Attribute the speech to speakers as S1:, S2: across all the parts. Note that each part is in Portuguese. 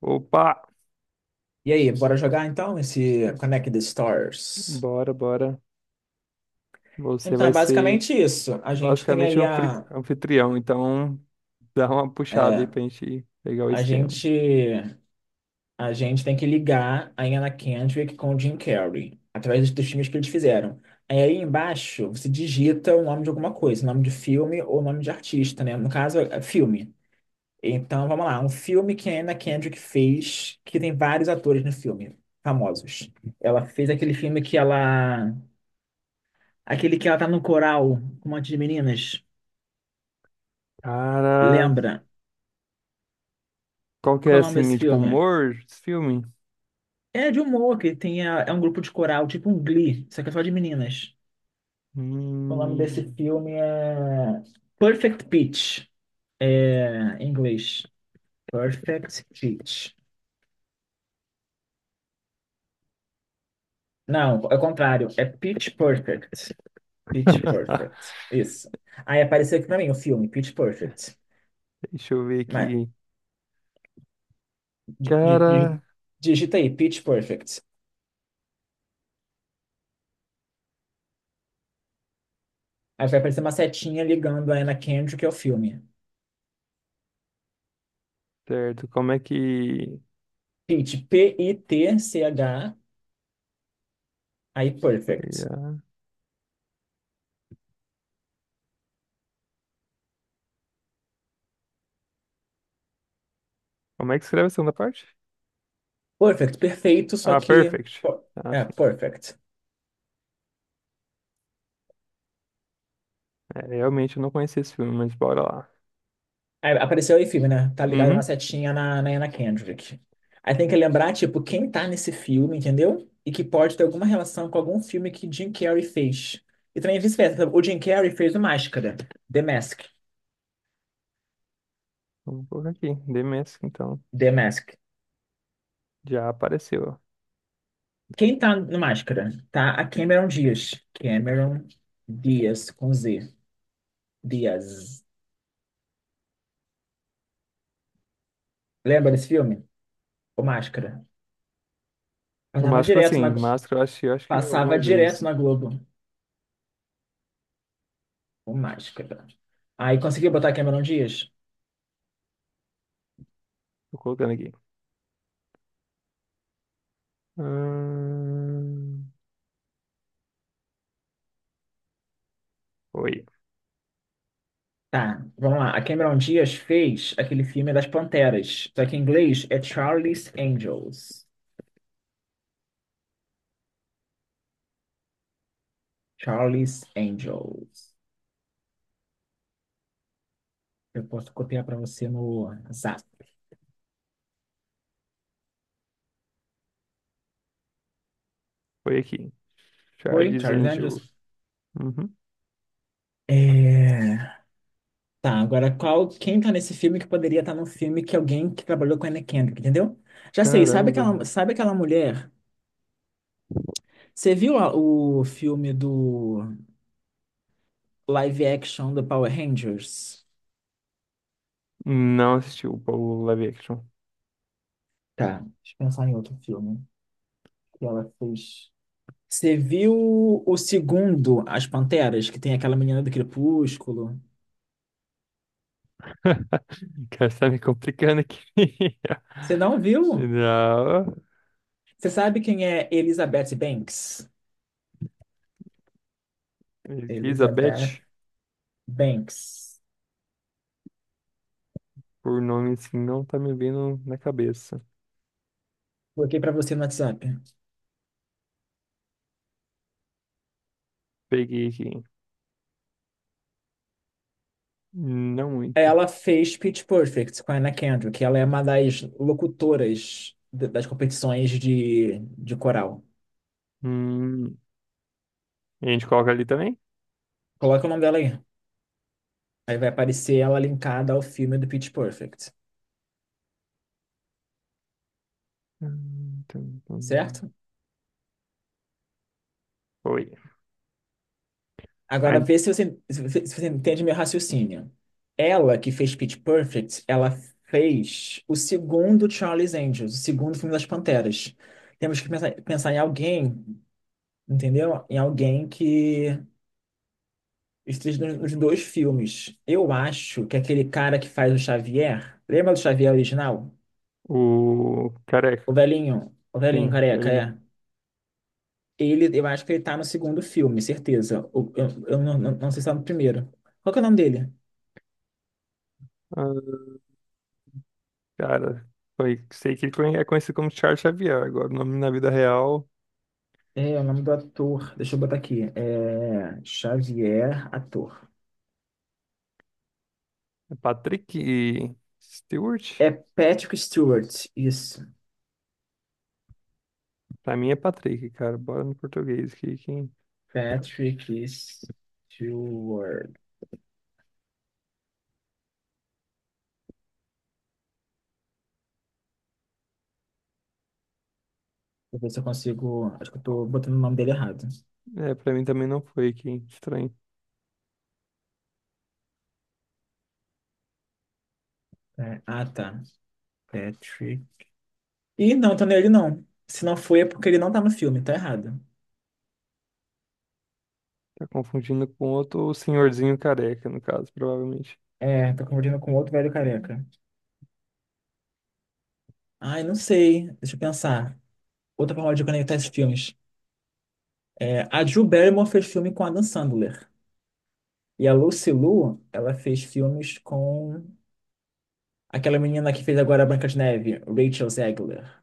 S1: Opa,
S2: E aí, bora jogar então esse Connect the Stars?
S1: bora, bora. Você
S2: Então, é
S1: vai ser
S2: basicamente isso. A gente tem
S1: basicamente o
S2: aí a.
S1: anfitrião, então dá uma puxada aí
S2: é,
S1: pra gente pegar o
S2: a
S1: esquema.
S2: gente. A gente tem que ligar a Anna Kendrick com o Jim Carrey, através dos filmes que eles fizeram. Aí embaixo, você digita o nome de alguma coisa, nome de filme ou nome de artista, né? No caso, é filme. Então, vamos lá. Um filme que a Anna Kendrick fez, que tem vários atores no filme, famosos. Ela fez aquele filme que ela. Aquele que ela tá no coral com um monte de meninas.
S1: Cara,
S2: Lembra?
S1: qual que é
S2: Qual é o nome
S1: assim,
S2: desse
S1: tipo,
S2: filme?
S1: humor desse filme?
S2: É de humor, que tem é um grupo de coral, tipo um Glee, só que é só de meninas. O nome desse
S1: Hum...
S2: filme é Perfect Pitch. É, em inglês. Perfect Pitch. Não, é o contrário. É Pitch Perfect. Pitch Perfect. Isso. Aí apareceu aqui pra mim o filme, Pitch Perfect.
S1: Deixa eu ver
S2: Mas,
S1: aqui.
S2: di- di-
S1: Cara,
S2: di- digita aí, Pitch Perfect. Aí vai aparecer uma setinha ligando a Anna Kendrick que é o filme.
S1: certo, como é que.
S2: Pit, Pitch, aí perfect.
S1: Como é que escreve a segunda parte?
S2: Perfect, perfeito, só
S1: Ah,
S2: que.
S1: perfect.
S2: po-
S1: Ah,
S2: É,
S1: sim.
S2: perfect.
S1: É, realmente eu não conhecia esse filme, mas bora lá.
S2: Aí apareceu aí filme, né? Tá ligado uma
S1: Uhum.
S2: setinha na Anna Kendrick. Aí tem que lembrar, tipo, quem tá nesse filme, entendeu? E que pode ter alguma relação com algum filme que Jim Carrey fez. E também vice-versa. O Jim Carrey fez o Máscara, The Mask.
S1: Vamos colocar aqui. The Mask, então.
S2: The Mask.
S1: Já apareceu.
S2: Quem tá no Máscara? Tá a Cameron Diaz. Cameron Diaz, com Z. Diaz. Lembra desse filme? O Máscara. Passava
S1: Máscara,
S2: direto
S1: sim.
S2: na,
S1: Máscara, eu acho que
S2: Passava
S1: algumas
S2: direto
S1: vezes.
S2: na Globo, o Máscara. Aí conseguiu botar a Cameron Diaz?
S1: Tô colocando aqui. Ahn, Foi.
S2: Tá, vamos lá. A Cameron Diaz fez aquele filme das Panteras, só que em inglês é Charlie's Angels. Charlie's Angels. Eu posso copiar pra você no Zap.
S1: Foi aqui.
S2: Oi,
S1: Charles
S2: Charlie's
S1: Angel.
S2: Angels?
S1: Uhum.
S2: É... Tá, agora quem tá nesse filme que poderia estar no filme que alguém que trabalhou com a Anna Kendrick, entendeu? Já sei,
S1: Caramba.
S2: sabe aquela mulher? Você viu o filme do live action do Power Rangers.
S1: Não assisti o live action.
S2: Tá. Deixa eu pensar em outro filme que ela fez. Você viu o segundo, As Panteras, que tem aquela menina do Crepúsculo?
S1: Cara, você tá me complicando aqui.
S2: Você não viu?
S1: Não.
S2: Você sabe quem é Elizabeth Banks? Elizabeth
S1: Elizabeth,
S2: Banks.
S1: por nome assim, não tá me vindo na cabeça.
S2: Coloquei pra você no WhatsApp.
S1: Peguei aqui. Não muito.
S2: Ela fez Pitch Perfect com a Anna Kendrick, que ela é uma das locutoras d- das competições de coral.
S1: Hum, E a gente coloca ali também?
S2: Coloca o nome dela aí. Aí vai aparecer ela linkada ao filme do Pitch Perfect.
S1: Tum, tum.
S2: Certo?
S1: Foi.
S2: Agora, vê se você entende meu raciocínio. Ela que fez Pitch Perfect, ela fez o segundo Charlie's Angels, o segundo filme das Panteras. Temos que pensar em alguém, entendeu? Em alguém que esteja nos dois filmes. Eu acho que aquele cara que faz o Xavier, lembra do Xavier original?
S1: O careca,
S2: O velhinho
S1: sim,
S2: careca,
S1: velhinho.
S2: é. Ele, eu acho que ele tá no segundo filme, certeza. O- Eu não sei se tá no primeiro. Qual que é o nome dele?
S1: Ah, cara, foi, sei que ele é conhecido como Charles Xavier. Agora, o nome na vida real
S2: É, o nome do ator, deixa eu botar aqui, é Xavier, ator.
S1: é Patrick Stewart.
S2: É Patrick Stewart, isso.
S1: Pra mim é Patrick, cara. Bora no português que quem
S2: Patrick Stewart. Deixa eu ver se eu consigo, acho que eu tô botando o nome dele errado.
S1: é pra mim também não foi quem estranho.
S2: É, ah, tá. Patrick. Ih, não, tô nele não. Se não foi, é porque ele não tá no filme, tá errado.
S1: Tá confundindo com outro senhorzinho careca, no caso, provavelmente.
S2: É, tô confundindo com outro velho careca. Ai, não sei, deixa eu pensar. Outra forma de conectar esses filmes. É, a Drew Barrymore fez filme com Adam Sandler. E a Lucy Liu, ela fez filmes com aquela menina que fez agora a Branca de Neve, Rachel Zegler.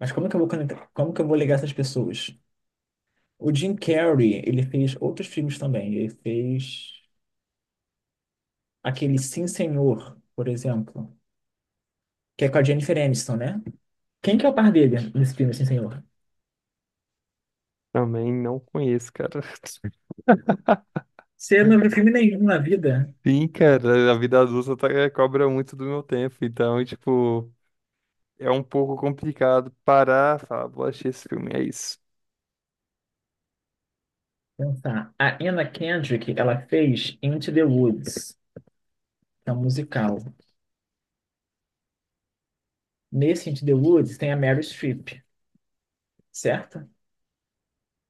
S2: Mas como que eu vou conectar, como que eu vou ligar essas pessoas? O Jim Carrey, ele fez outros filmes também. Ele fez aquele Sim Senhor, por exemplo, que é com a Jennifer Aniston, né? Quem que é o par dele nesse filme, Sim Senhor?
S1: Também não conheço, cara.
S2: Você não viu filme nenhum na vida?
S1: Sim, cara, a vida adulta cobra muito do meu tempo, então, tipo, é um pouco complicado parar, e falar, vou assistir esse filme, é isso.
S2: Pensar. A Anna Kendrick, ela fez Into the Woods, que é um musical. Nesse Into the Woods tem a Meryl Streep, certo?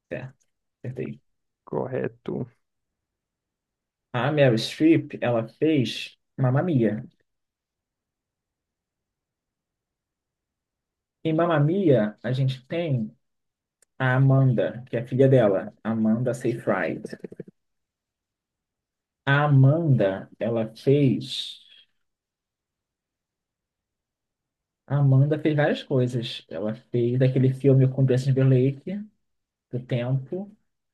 S2: Certo, acertei.
S1: Correto.
S2: A Meryl Streep, ela fez Mamma Mia. Em Mamma Mia, a gente tem a Amanda, que é a filha dela, Amanda Seyfried. A Amanda, ela fez... A Amanda fez várias coisas. Ela fez aquele filme com Justin Timberlake, do Tempo.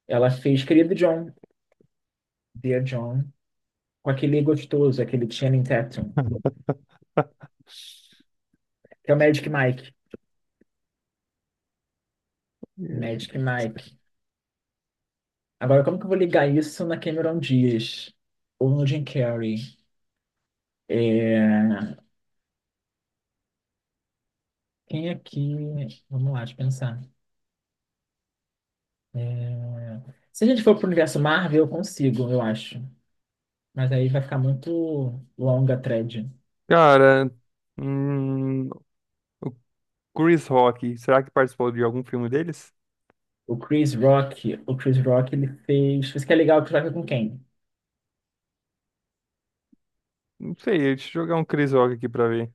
S2: Ela fez Querido John, Dear John, com aquele gostoso, aquele Channing Tatum, que é o Magic Mike. Magic Mike. Agora, como que eu vou ligar isso na Cameron Diaz? Ou no Jim Carrey? É, quem aqui? Vamos lá, deixa eu pensar. É, se a gente for pro universo Marvel, eu consigo, eu acho. Mas aí vai ficar muito longa a thread.
S1: Cara, hum, o Chris Rock, será que participou de algum filme deles?
S2: O Chris Rock ele fez. Isso que é legal, o Chris Rock é com quem?
S1: Não sei, deixa eu jogar um Chris Rock aqui pra ver.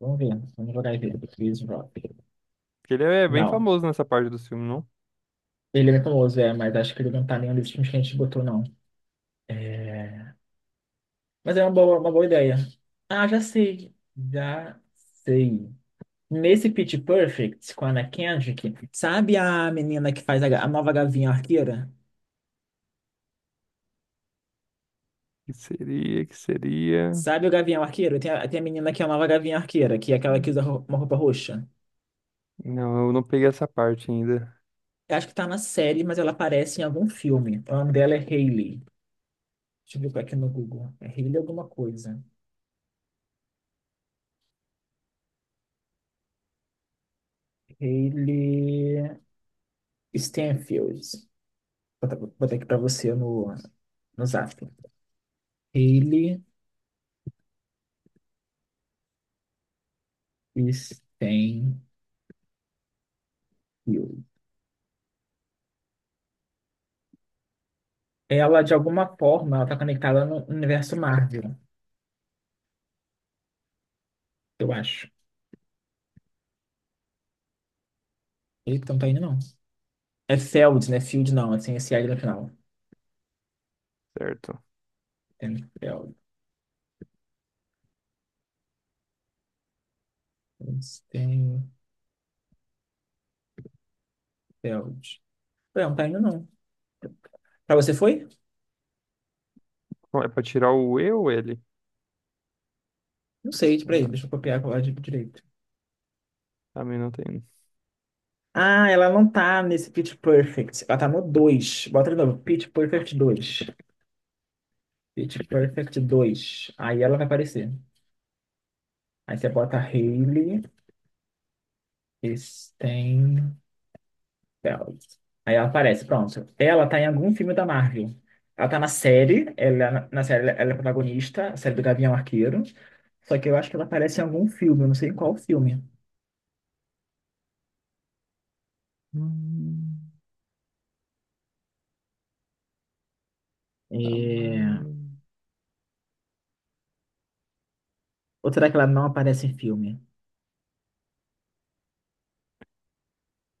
S2: Vamos ver, vamos jogar e ver. O Chris Rock.
S1: Porque ele é bem
S2: Não,
S1: famoso nessa parte do filme, não?
S2: ele é bem famoso, é, mas acho que ele não tá nenhum dos filmes que a gente botou, não. É, mas é uma boa ideia. Ah, já sei, já sei. Nesse Pitch Perfect com a Anna Kendrick, sabe a menina que faz a nova Gavião Arqueira?
S1: Que seria...
S2: Sabe o Gavião Arqueiro? Tem a menina que é a nova Gavião Arqueira, que é aquela
S1: Hum,
S2: que usa uma roupa roxa.
S1: não, eu não peguei essa parte ainda,
S2: Eu acho que tá na série, mas ela aparece em algum filme. O nome dela é Hailey. Deixa eu ver aqui no Google. É Hailey alguma coisa. Hailey Stenfield. Vou botar aqui pra você no Zap. Hailey Stenfield. Ela, de alguma forma, ela tá conectada no universo Marvel. Eu acho. Eita, então não tá indo, não. É Feld, né? Field não, assim, é sem esse S L no final.
S1: certo?
S2: Feld. Feld. Não tá indo, não. Pra você foi?
S1: Bom, é pra tirar o E ou L?
S2: Não sei, tipo, peraí,
S1: Ah,
S2: deixa eu copiar a de direito.
S1: a mim não tem.
S2: Ah, ela não tá nesse Pitch Perfect. Ela tá no dois. Bota de novo. Pitch Perfect 2. Pitch Perfect 2. Aí ela vai aparecer. Aí você bota Hayley Stein. Dela. Aí ela aparece, pronto. Ela tá em algum filme da Marvel. Ela tá na série, ela, na série ela é protagonista, a série do Gavião Arqueiro. Só que eu acho que ela aparece em algum filme, eu não sei em qual filme.
S1: Hum, tamanho.
S2: É... Ou será que ela não aparece em filme?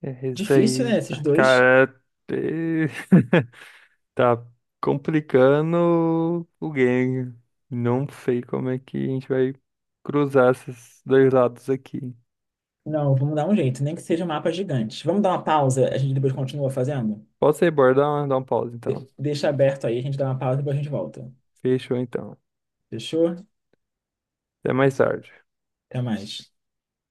S1: É esse
S2: Difícil, né,
S1: aí.
S2: esses dois?
S1: Cara, é- tá complicando o game. Não sei como é que a gente vai cruzar esses dois lados aqui.
S2: Não, vamos dar um jeito, nem que seja um mapa gigante. Vamos dar uma pausa, a gente depois continua fazendo?
S1: Posso ir, bora? Dar um pause então.
S2: De- deixa aberto aí, a gente dá uma pausa e depois a gente volta.
S1: Fechou então.
S2: Fechou?
S1: Até mais tarde.
S2: Até mais.